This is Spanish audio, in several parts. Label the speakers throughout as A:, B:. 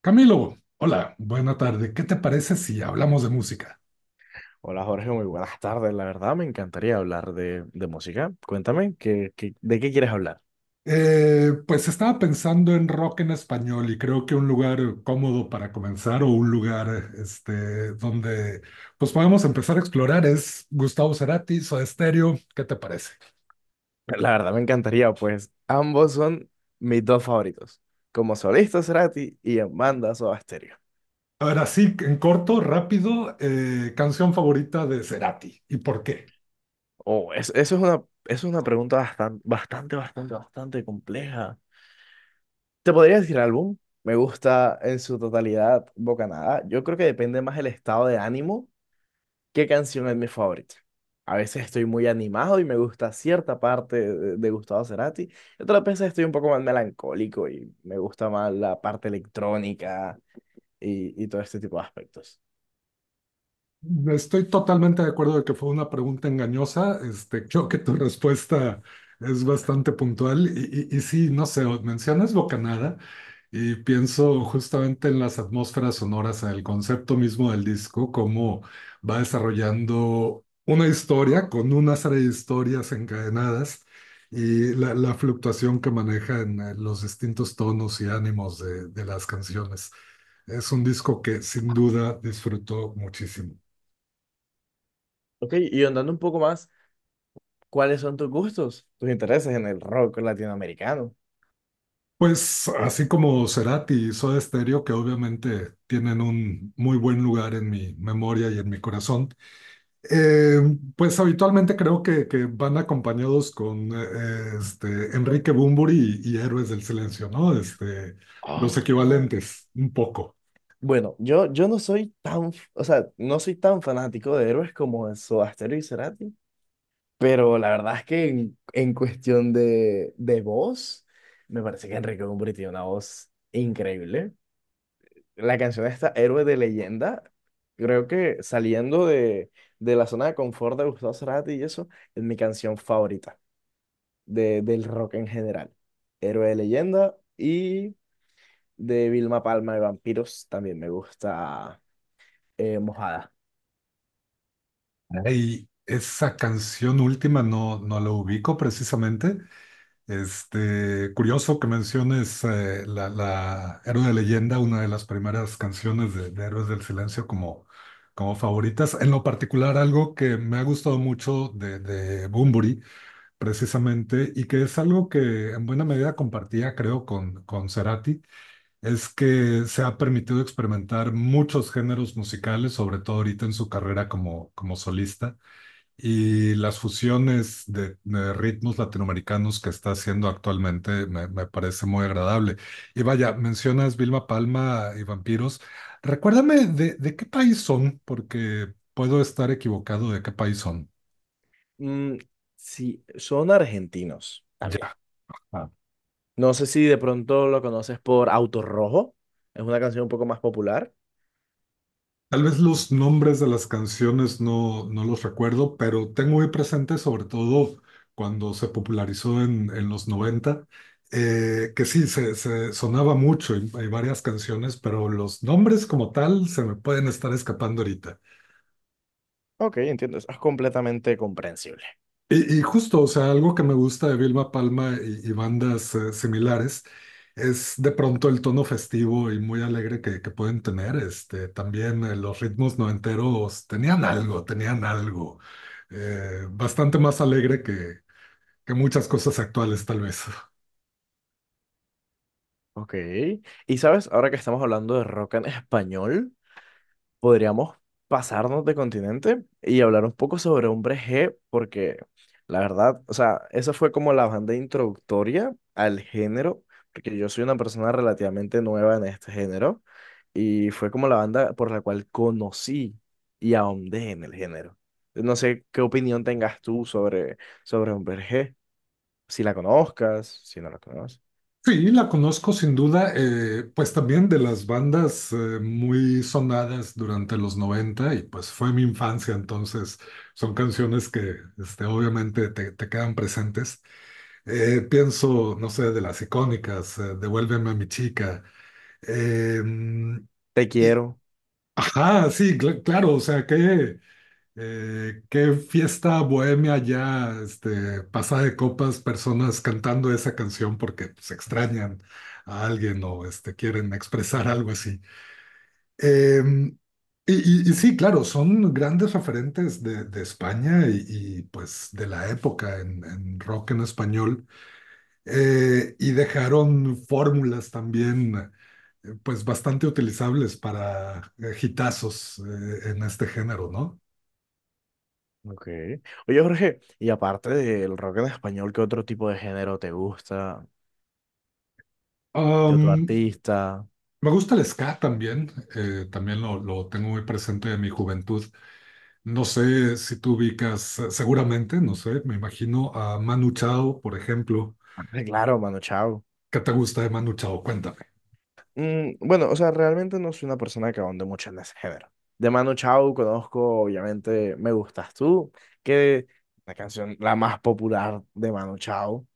A: Camilo, hola, buena tarde. ¿Qué te parece si hablamos de música?
B: Hola Jorge, muy buenas tardes. La verdad me encantaría hablar de música. Cuéntame, ¿ de qué quieres hablar?
A: Pues estaba pensando en rock en español y creo que un lugar cómodo para comenzar o un lugar este, donde pues podemos empezar a explorar es Gustavo Cerati, Soda Stereo. ¿Qué te parece?
B: La verdad me encantaría, pues ambos son mis dos favoritos. Como solista Cerati y en banda Soda Stereo.
A: A ver, así en corto, rápido, canción favorita de Cerati. ¿Y por qué?
B: Eso es una, eso es una pregunta bastante compleja. ¿Te podría decir álbum? Me gusta en su totalidad Bocanada. Yo creo que depende más el estado de ánimo. ¿Qué canción es mi favorita? A veces estoy muy animado y me gusta cierta parte de Gustavo Cerati. Y otras veces estoy un poco más melancólico y me gusta más la parte electrónica y todo este tipo de aspectos.
A: Estoy totalmente de acuerdo de que fue una pregunta engañosa. Este, creo que tu respuesta es bastante puntual. Y sí, no sé, mencionas Bocanada y pienso justamente en las atmósferas sonoras, en el concepto mismo del disco, cómo va desarrollando una historia con una serie de historias encadenadas y la fluctuación que maneja en los distintos tonos y ánimos de las canciones. Es un disco que sin duda disfruto muchísimo.
B: Ok, y andando un poco más, ¿cuáles son tus gustos, tus intereses en el rock latinoamericano?
A: Pues así como Cerati y Soda Stereo, que obviamente tienen un muy buen lugar en mi memoria y en mi corazón, eh, pues habitualmente creo que van acompañados con este, Enrique Bunbury y Héroes del Silencio, ¿no? Este, los
B: Ah,
A: equivalentes, un poco.
B: bueno, yo no soy tan, o sea, no soy tan fanático de héroes como de Soda Stereo y Cerati. Pero la verdad es que en cuestión de voz, me parece que Enrique Bunbury tiene una voz increíble. La canción esta, Héroe de Leyenda, creo que saliendo de la zona de confort de Gustavo Cerati y eso, es mi canción favorita del rock en general. Héroe de Leyenda y de Vilma Palma de Vampiros también me gusta Mojada.
A: Y esa canción última no, no la ubico precisamente. Este, curioso que menciones la Héroe de Leyenda, una de las primeras canciones de Héroes del Silencio como, como favoritas. En lo particular, algo que me ha gustado mucho de Bunbury, precisamente, y que es algo que en buena medida compartía, creo, con Cerati, es que se ha permitido experimentar muchos géneros musicales, sobre todo ahorita en su carrera como, como solista. Y las fusiones de ritmos latinoamericanos que está haciendo actualmente me, me parece muy agradable. Y vaya, mencionas Vilma Palma y Vampiros. Recuérdame de qué país son, porque puedo estar equivocado de qué país son.
B: Mm, sí, son argentinos también.
A: Ya. Ah.
B: No sé si de pronto lo conoces por Auto Rojo. Es una canción un poco más popular.
A: Tal vez los nombres de las canciones no, no los recuerdo, pero tengo muy presente, sobre todo cuando se popularizó en los 90, que sí, se sonaba mucho y hay varias canciones, pero los nombres como tal se me pueden estar escapando ahorita.
B: Ok, entiendo. Eso es completamente comprensible.
A: Y justo, o sea, algo que me gusta de Vilma Palma y bandas similares es de pronto el tono festivo y muy alegre que pueden tener. Este, también los ritmos noventeros tenían algo bastante más alegre que muchas cosas actuales, tal vez.
B: Ok. Y sabes, ahora que estamos hablando de rock en español, podríamos pasarnos de continente y hablar un poco sobre Hombre G, porque la verdad, o sea, esa fue como la banda introductoria al género, porque yo soy una persona relativamente nueva en este género y fue como la banda por la cual conocí y ahondé en el género. No sé qué opinión tengas tú sobre, sobre Hombre G, si la conozcas, si no la conoces.
A: Sí, la conozco sin duda, pues también de las bandas muy sonadas durante los 90 y pues fue mi infancia, entonces son canciones que este, obviamente te, te quedan presentes. Pienso, no sé, de las icónicas, Devuélveme a mi chica. eh,
B: Te
A: y-
B: quiero.
A: ajá, sí, claro, o sea, que qué fiesta bohemia ya, este, pasada de copas, personas cantando esa canción porque se extrañan a alguien o este, quieren expresar algo así. Eh, y sí, claro, son grandes referentes de España y, pues de la época en rock en español. Y dejaron fórmulas también pues bastante utilizables para hitazos en este género, ¿no?
B: Ok. Oye, Jorge, y aparte del rock en español, ¿qué otro tipo de género te gusta? Que otro
A: Am,
B: artista?
A: Me gusta el ska también, también lo tengo muy presente de mi juventud. No sé si tú ubicas, seguramente, no sé, me imagino a Manu Chao, por ejemplo.
B: Ah, claro, Mano Chao.
A: ¿Qué te gusta de Manu Chao? Cuéntame.
B: Mm, bueno, o sea, realmente no soy una persona que ahonde mucho en ese género. De Mano Chao conozco, obviamente, Me Gustas Tú, que la canción la más popular de Mano Chao.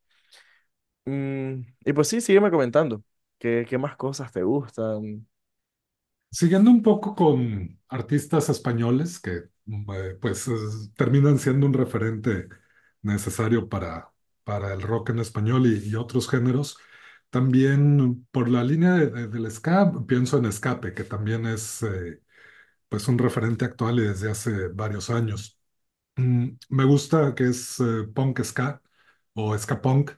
B: Mm, y pues sí, sígueme comentando. ¿Qué, qué más cosas te gustan?
A: Siguiendo un poco con artistas españoles que pues terminan siendo un referente necesario para el rock en español y otros géneros, también por la línea del ska, pienso en Escape, que también es... pues un referente actual y desde hace varios años. Me gusta que es punk ska o ska punk.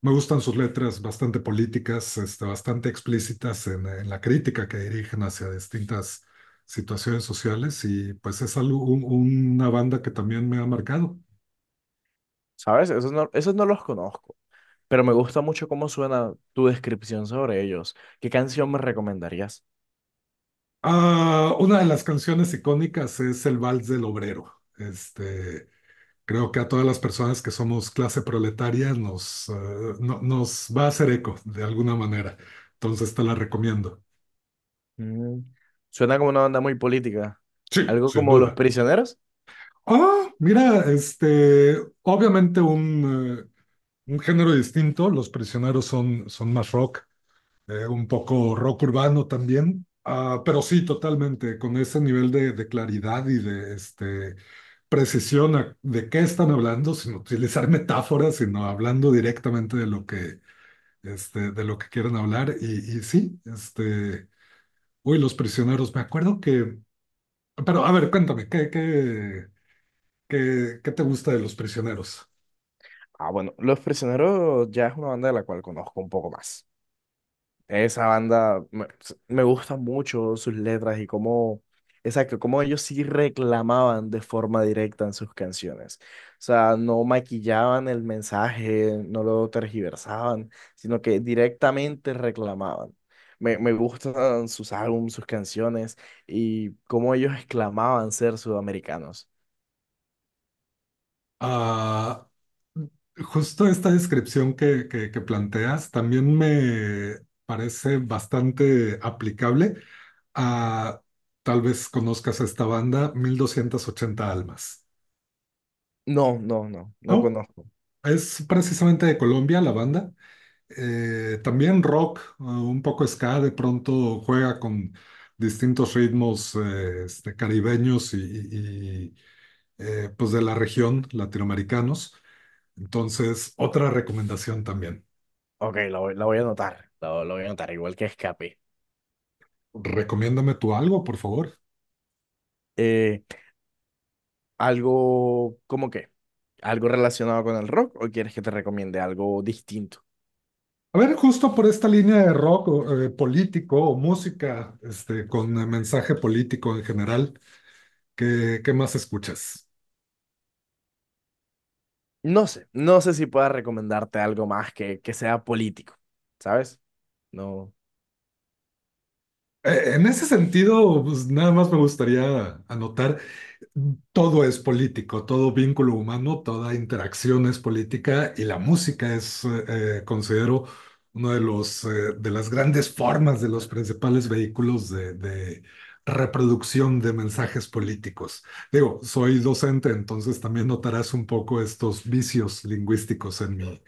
A: Me gustan sus letras bastante políticas, este, bastante explícitas en la crítica que dirigen hacia distintas situaciones sociales y pues es algo, una banda que también me ha marcado.
B: ¿Sabes? Esos no los conozco, pero me gusta mucho cómo suena tu descripción sobre ellos. ¿Qué canción me recomendarías?
A: Ah, una de las canciones icónicas es El Vals del Obrero. Este, creo que a todas las personas que somos clase proletaria nos, nos va a hacer eco de alguna manera. Entonces te la recomiendo.
B: Mm, suena como una banda muy política.
A: Sí,
B: ¿Algo
A: sin
B: como Los
A: duda.
B: Prisioneros?
A: Ah, mira, este, obviamente un género distinto. Los Prisioneros son, son más rock, un poco rock urbano también. Ah, pero sí, totalmente, con ese nivel de claridad y de este, precisión de qué están hablando, sin utilizar metáforas, sino hablando directamente de lo que este, de lo que quieren hablar. Y sí, este, uy, los prisioneros, me acuerdo que, pero a ver, cuéntame, ¿qué, qué, qué, qué te gusta de los prisioneros?
B: Ah, bueno, Los Prisioneros ya es una banda de la cual conozco un poco más. Esa banda me, me gusta mucho sus letras y cómo, exacto, cómo ellos sí reclamaban de forma directa en sus canciones. O sea, no maquillaban el mensaje, no lo tergiversaban, sino que directamente reclamaban. Me gustan sus álbumes, sus canciones y cómo ellos exclamaban ser sudamericanos.
A: Ah, justo esta descripción que planteas también me parece bastante aplicable a, tal vez conozcas esta banda, 1280 Almas.
B: No, no, no, no
A: Oh,
B: conozco.
A: es precisamente de Colombia la banda. También rock, un poco ska, de pronto juega con distintos ritmos este, caribeños y pues de la región, latinoamericanos. Entonces, otra recomendación también.
B: Ok, la voy a anotar. La voy a anotar, igual que Escape.
A: Recomiéndame tú algo, por favor.
B: Eh, algo, ¿cómo qué? ¿Algo relacionado con el rock o quieres que te recomiende algo distinto?
A: A ver, justo por esta línea de rock o, político o música este, con mensaje político en general, ¿qué, qué más escuchas?
B: No sé, no sé si pueda recomendarte algo más que sea político, ¿sabes? No.
A: En ese sentido, pues nada más me gustaría anotar. Todo es político, todo vínculo humano, toda interacción es política y la música es, considero, uno de los, de las grandes formas, de los principales vehículos de reproducción de mensajes políticos. Digo, soy docente, entonces también notarás un poco estos vicios lingüísticos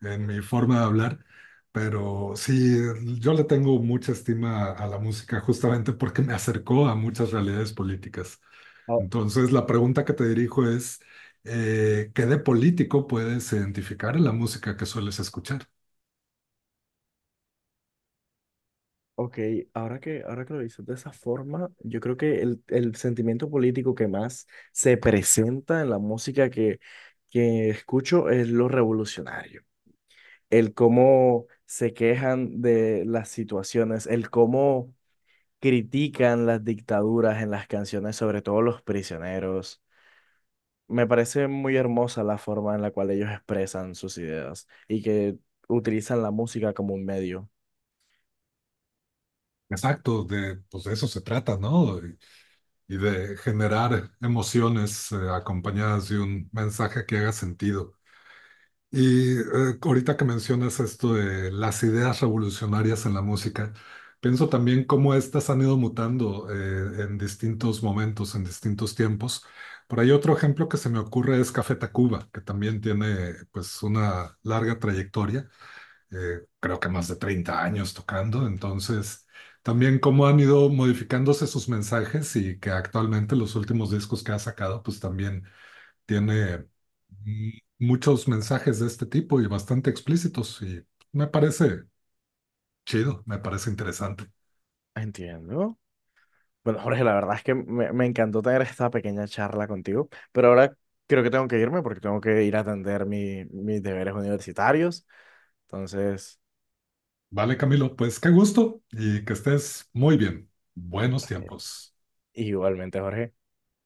A: en mi forma de hablar, pero sí, yo le tengo mucha estima a la música justamente porque me acercó a muchas realidades políticas.
B: Oh,
A: Entonces, la pregunta que te dirijo es, ¿qué de político puedes identificar en la música que sueles escuchar?
B: ok, ahora que lo dices de esa forma, yo creo que el sentimiento político que más se presenta en la música que escucho es lo revolucionario. El cómo se quejan de las situaciones, el cómo critican las dictaduras en las canciones, sobre todo Los Prisioneros. Me parece muy hermosa la forma en la cual ellos expresan sus ideas y que utilizan la música como un medio.
A: Exacto, de, pues de eso se trata, ¿no? Y de generar emociones, acompañadas de un mensaje que haga sentido. Y ahorita que mencionas esto de las ideas revolucionarias en la música, pienso también cómo estas han ido mutando en distintos momentos, en distintos tiempos. Por ahí otro ejemplo que se me ocurre es Café Tacuba, que también tiene pues una larga trayectoria, creo que más de 30 años tocando. Entonces, también cómo han ido modificándose sus mensajes y que actualmente los últimos discos que ha sacado pues también tiene mm, muchos mensajes de este tipo y bastante explícitos y me parece chido, me parece interesante.
B: Entiendo. Bueno, Jorge, la verdad es que me encantó tener esta pequeña charla contigo, pero ahora creo que tengo que irme porque tengo que ir a atender mis deberes universitarios. Entonces,
A: Vale, Camilo, pues qué gusto y que estés muy bien. Buenos
B: ok.
A: tiempos.
B: Igualmente, Jorge.